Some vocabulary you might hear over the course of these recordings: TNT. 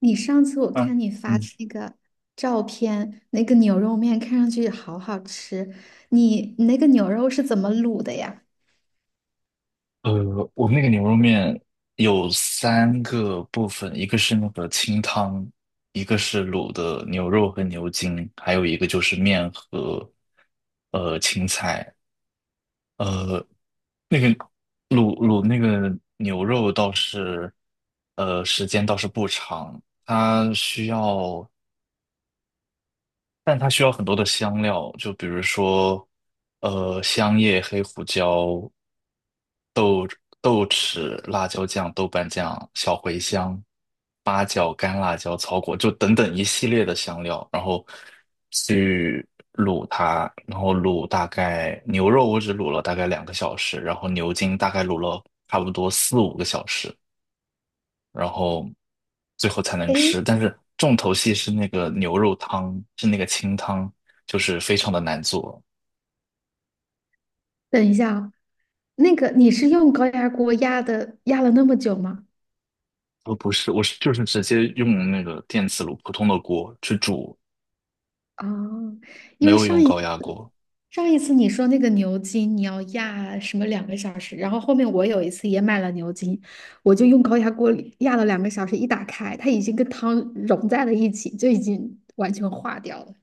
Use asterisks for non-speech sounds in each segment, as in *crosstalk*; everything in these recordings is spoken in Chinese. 你上次我嗯看你嗯。发的那个照片，那个牛肉面看上去好好吃。你那个牛肉是怎么卤的呀？我们那个牛肉面有三个部分，一个是那个清汤，一个是卤的牛肉和牛筋，还有一个就是面和青菜。呃，那个卤那个牛肉倒是，时间倒是不长，它需要，但它需要很多的香料，就比如说，香叶、黑胡椒。豆豉、辣椒酱、豆瓣酱、小茴香、八角、干辣椒、草果，就等等一系列的香料，然后去卤它，然后卤大概牛肉我只卤了大概两个小时，然后牛筋大概卤了差不多4、5个小时，然后最后才能哎，吃。但是重头戏是那个牛肉汤，是那个清汤，就是非常的难做。等一下啊，那个你是用高压锅压的，压了那么久吗？我不是，我是就是直接用那个电磁炉普通的锅去煮啊，因没为有用高压锅。上一次你说那个牛筋你要压什么两个小时，然后后面我有一次也买了牛筋，我就用高压锅里压了两个小时，一打开它已经跟汤融在了一起，就已经完全化掉了。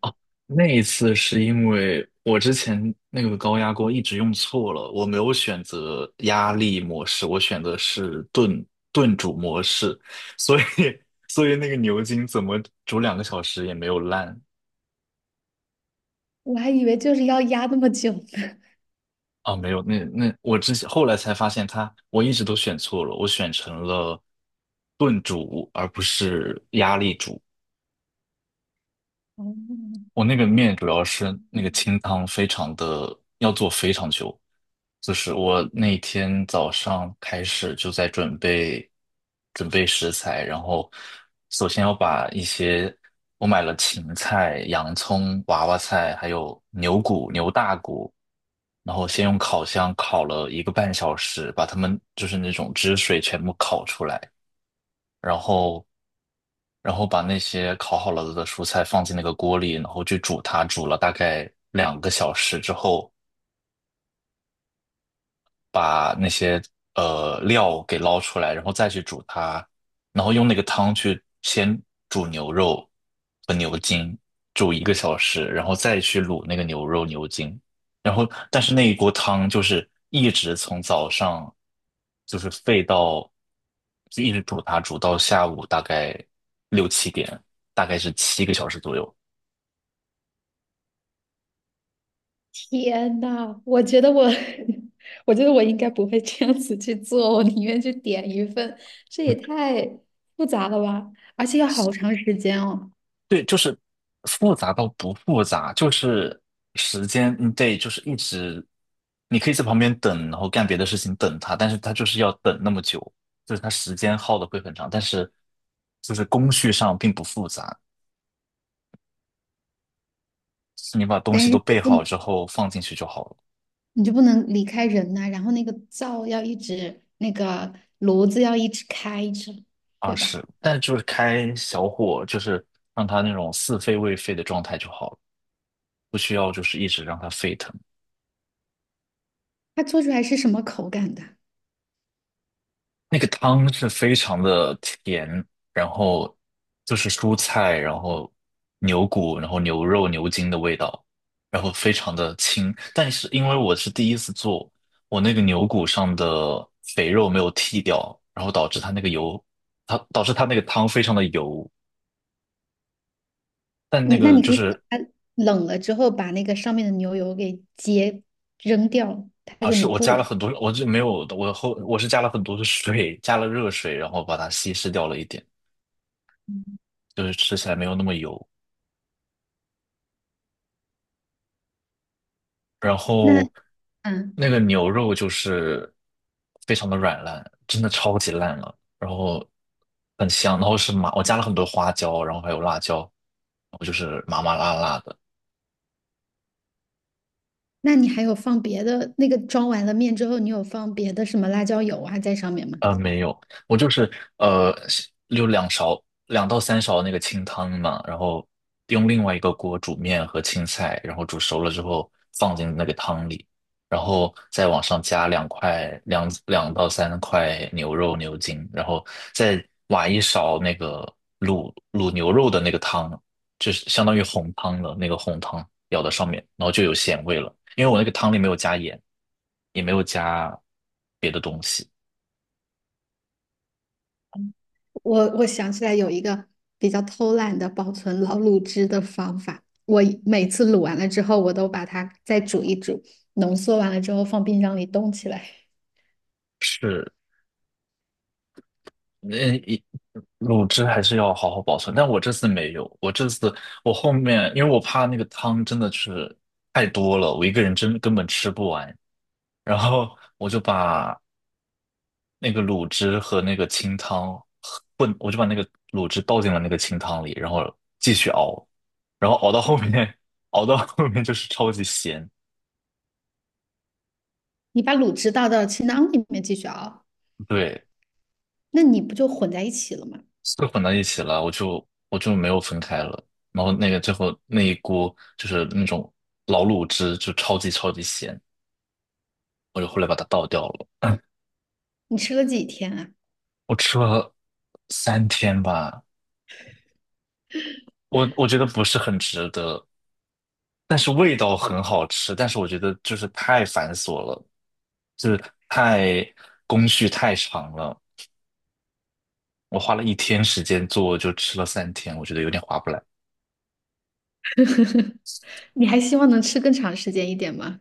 那一次是因为我之前那个高压锅一直用错了，我没有选择压力模式，我选的是炖煮模式，所以 *laughs* 所以那个牛筋怎么煮两个小时也没有烂。我还以为就是要压那么久呢。*laughs* 啊，没有，那我之前后来才发现它，我一直都选错了，我选成了炖煮而不是压力煮。哦，我那个面主要是那个清汤非常的，要做非常久，就是我那天早上开始就在准备准备食材，然后首先要把一些我买了芹菜、洋葱、娃娃菜，还有牛骨、牛大骨，然后先用烤箱烤了1个半小时，把它们就是那种汁水全部烤出来。然后把那些烤好了的蔬菜放进那个锅里，然后去煮它，煮了大概两个小时之后，把那些料给捞出来，然后再去煮它，然后用那个汤去先煮牛肉和牛筋，煮1个小时，然后再去卤那个牛肉牛筋，然后但是那一锅汤就是一直从早上就是沸到就一直煮它，煮到下午大概6、7点，大概是7个小时左右。天呐，我觉得我，*laughs* 我觉得我应该不会这样子去做，我宁愿去点一份，这也太复杂了吧，而且要好长时间哦。复杂到不复杂，就是时间，嗯，对，就是一直，你可以在旁边等，然后干别的事情等它，但是它就是要等那么久，就是它时间耗的会很长，但是就是工序上并不复杂，就是你把东西但都是就备不能，好之后放进去就好了。你就不能离开人呐、然后那个灶要一直，那个炉子要一直开着，啊，对吧？是，但就是开小火，就是让它那种似沸未沸的状态就好了，不需要就是一直让它沸腾。它做出来是什么口感的？那个汤是非常的甜，然后就是蔬菜，然后牛骨，然后牛肉、牛筋的味道，然后非常的清。但是因为我是第一次做，我那个牛骨上的肥肉没有剔掉，然后导致它那个油，它导致它那个汤非常的油。但那嗯，那个你可就以等是它冷了之后，把那个上面的牛油给揭扔掉，它啊，就是凝我固加了了。很多，我就没有，我是加了很多的水，加了热水，然后把它稀释掉了一点，就是吃起来没有那么油。然那后嗯，那个牛肉就是非常的软烂，真的超级烂了，然后很香，然后是麻，我加了很多花椒，然后还有辣椒，然后就是麻麻辣辣的。那你还有放别的那个装完了面之后，你有放别的什么辣椒油啊在上面吗？没有，我就是呃，就两勺两到三勺那个清汤嘛，然后用另外一个锅煮面和青菜，然后煮熟了之后放进那个汤里，然后再往上加两块两到三块牛肉牛筋，然后再挖一勺那个卤牛肉的那个汤，就是相当于红汤了，那个红汤舀到上面，然后就有咸味了，因为我那个汤里没有加盐，也没有加别的东西。我想起来有一个比较偷懒的保存老卤汁的方法，我每次卤完了之后，我都把它再煮一煮，浓缩完了之后放冰箱里冻起来。是那一卤汁还是要好好保存，但我这次没有，我这次我后面因为我怕那个汤真的是太多了，我一个人真根本吃不完，然后我就把那个卤汁和那个清汤混，我就把那个卤汁倒进了那个清汤里，然后继续熬，然后熬到后面，*laughs* 熬到后面就是超级咸，你把卤汁倒到清汤里面继续熬，对，那你不就混在一起了吗？是混到一起了，我就没有分开了。然后那个最后那一锅就是那种老卤汁，就超级超级咸，我就后来把它倒掉了。你吃了几天啊？我吃了三天吧，我觉得不是很值得，但是味道很好吃，但是我觉得就是太繁琐了，就是太工序太长了。我花了一天时间做，就吃了三天，我觉得有点划不来。你还希望能吃更长时间一点吗？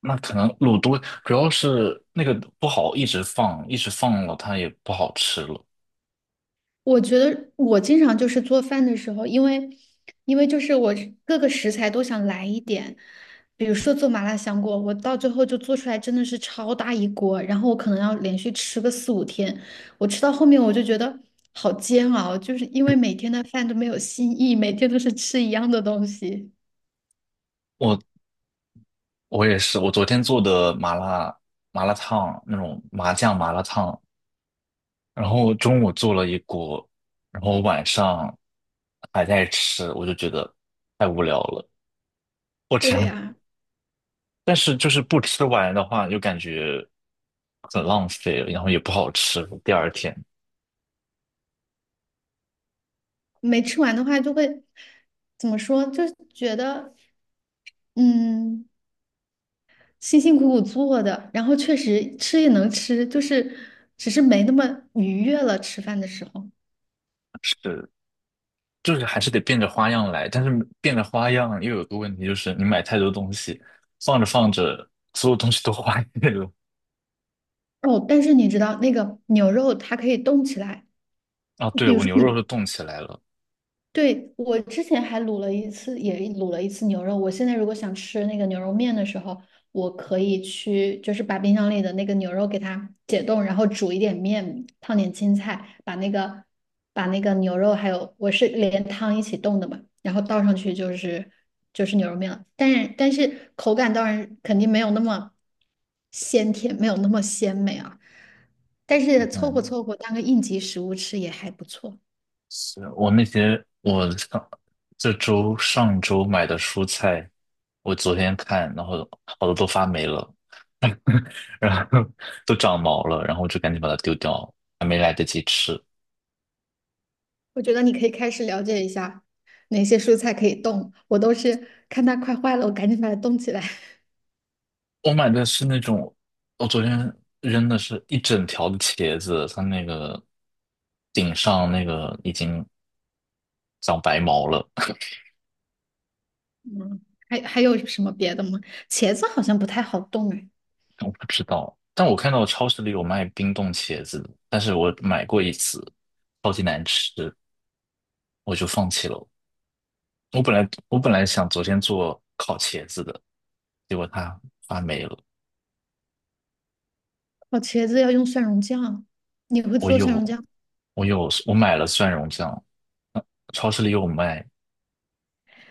那可能卤多，主要是那个不好一直放，一直放了它也不好吃了。我觉得我经常就是做饭的时候，因为就是我各个食材都想来一点，比如说做麻辣香锅，我到最后就做出来真的是超大一锅，然后我可能要连续吃个4、5天，我吃到后面我就觉得好煎熬，就是因为每天的饭都没有新意，每天都是吃一样的东西。我我也是，我昨天做的麻辣烫那种麻酱麻辣烫，然后中午做了一锅，然后晚上还在吃，我就觉得太无聊了。我对天！呀，但是就是不吃完的话，就感觉很浪费了然后也不好吃。第二天没吃完的话就会怎么说，就是觉得嗯。辛辛苦苦做的，然后确实吃也能吃，就是只是没那么愉悦了。吃饭的时候，是。就是还是得变着花样来，但是变着花样又有个问题，就是你买太多东西，放着放着，所有东西都坏了。哦，但是你知道那个牛肉它可以动起来，啊，对，比如我说牛你肉都冻起来了。对，我之前还卤了一次，也卤了一次牛肉。我现在如果想吃那个牛肉面的时候，我可以去，就是把冰箱里的那个牛肉给它解冻，然后煮一点面，烫点青菜，把那个牛肉还有我是连汤一起冻的嘛，然后倒上去就是牛肉面了。但是口感当然肯定没有那么鲜甜，没有那么鲜美啊，但是凑合嗯，凑合当个应急食物吃也还不错。是我那些我上这周上周买的蔬菜，我昨天看，然后好多都发霉了，然后 *laughs* 都长毛了，然后我就赶紧把它丢掉，还没来得及吃。我觉得你可以开始了解一下哪些蔬菜可以冻，我都是看它快坏了，我赶紧把它冻起来。我买的是那种，我昨天扔的是一整条的茄子，它那个顶上那个已经长白毛了，*laughs* *laughs* 还有什么别的吗？茄子好像不太好冻哎，我不知道。但我看到超市里有卖冰冻茄子的但是我买过一次，超级难吃，我就放弃了。我本来想昨天做烤茄子的，结果它发霉了。哦，茄子要用蒜蓉酱，你会我做蒜蓉有酱？我有我买了蒜蓉酱，超市里有卖，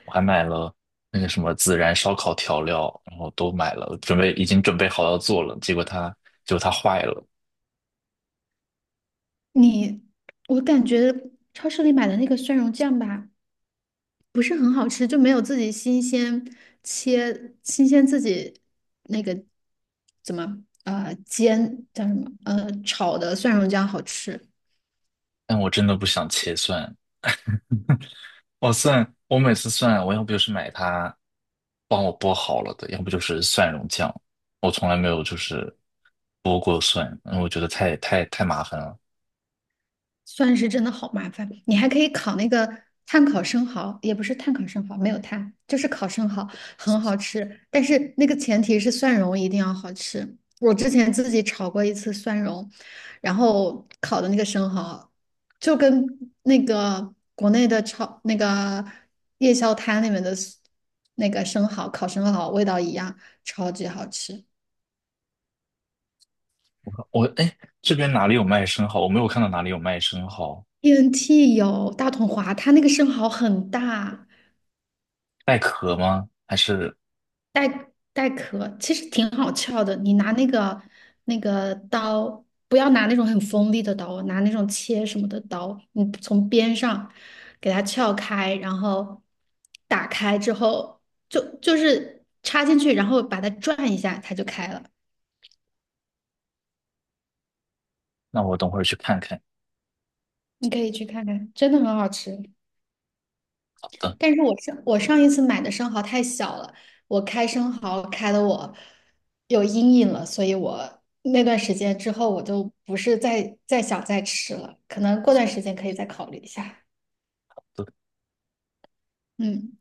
我还买了那个什么孜然烧烤调料，然后都买了，准备已经准备好要做了，结果它坏了。你，我感觉超市里买的那个蒜蓉酱吧，不是很好吃，就没有自己新鲜切，新鲜自己那个怎么煎叫什么炒的蒜蓉酱好吃。但我真的不想切蒜，我每次蒜，我要不就是买它帮我剥好了的，要不就是蒜蓉酱，我从来没有就是剥过蒜，因为我觉得太麻烦了。算是真的好麻烦。你还可以烤那个炭烤生蚝，也不是炭烤生蚝，没有炭，就是烤生蚝，很好吃。但是那个前提是蒜蓉一定要好吃。我之前自己炒过一次蒜蓉，然后烤的那个生蚝，就跟那个国内的炒那个夜宵摊里面的那个生蚝烤生蚝味道一样，超级好吃。我哎，诶这边哪里有卖生蚝？我没有看到哪里有卖生蚝，TNT 有大统华，它那个生蚝很大。带壳吗？还是带带壳其实挺好撬的，你拿那个那个刀，不要拿那种很锋利的刀，拿那种切什么的刀，你从边上给它撬开，然后打开之后，就是插进去，然后把它转一下，它就开了。那我等会儿去看看。你可以去看看，真的很好吃。好的。但是我上一次买的生蚝太小了，我开生蚝开的我有阴影了，所以我那段时间之后我就不是再想再吃了，可能过段时间可以再考虑一下。嗯。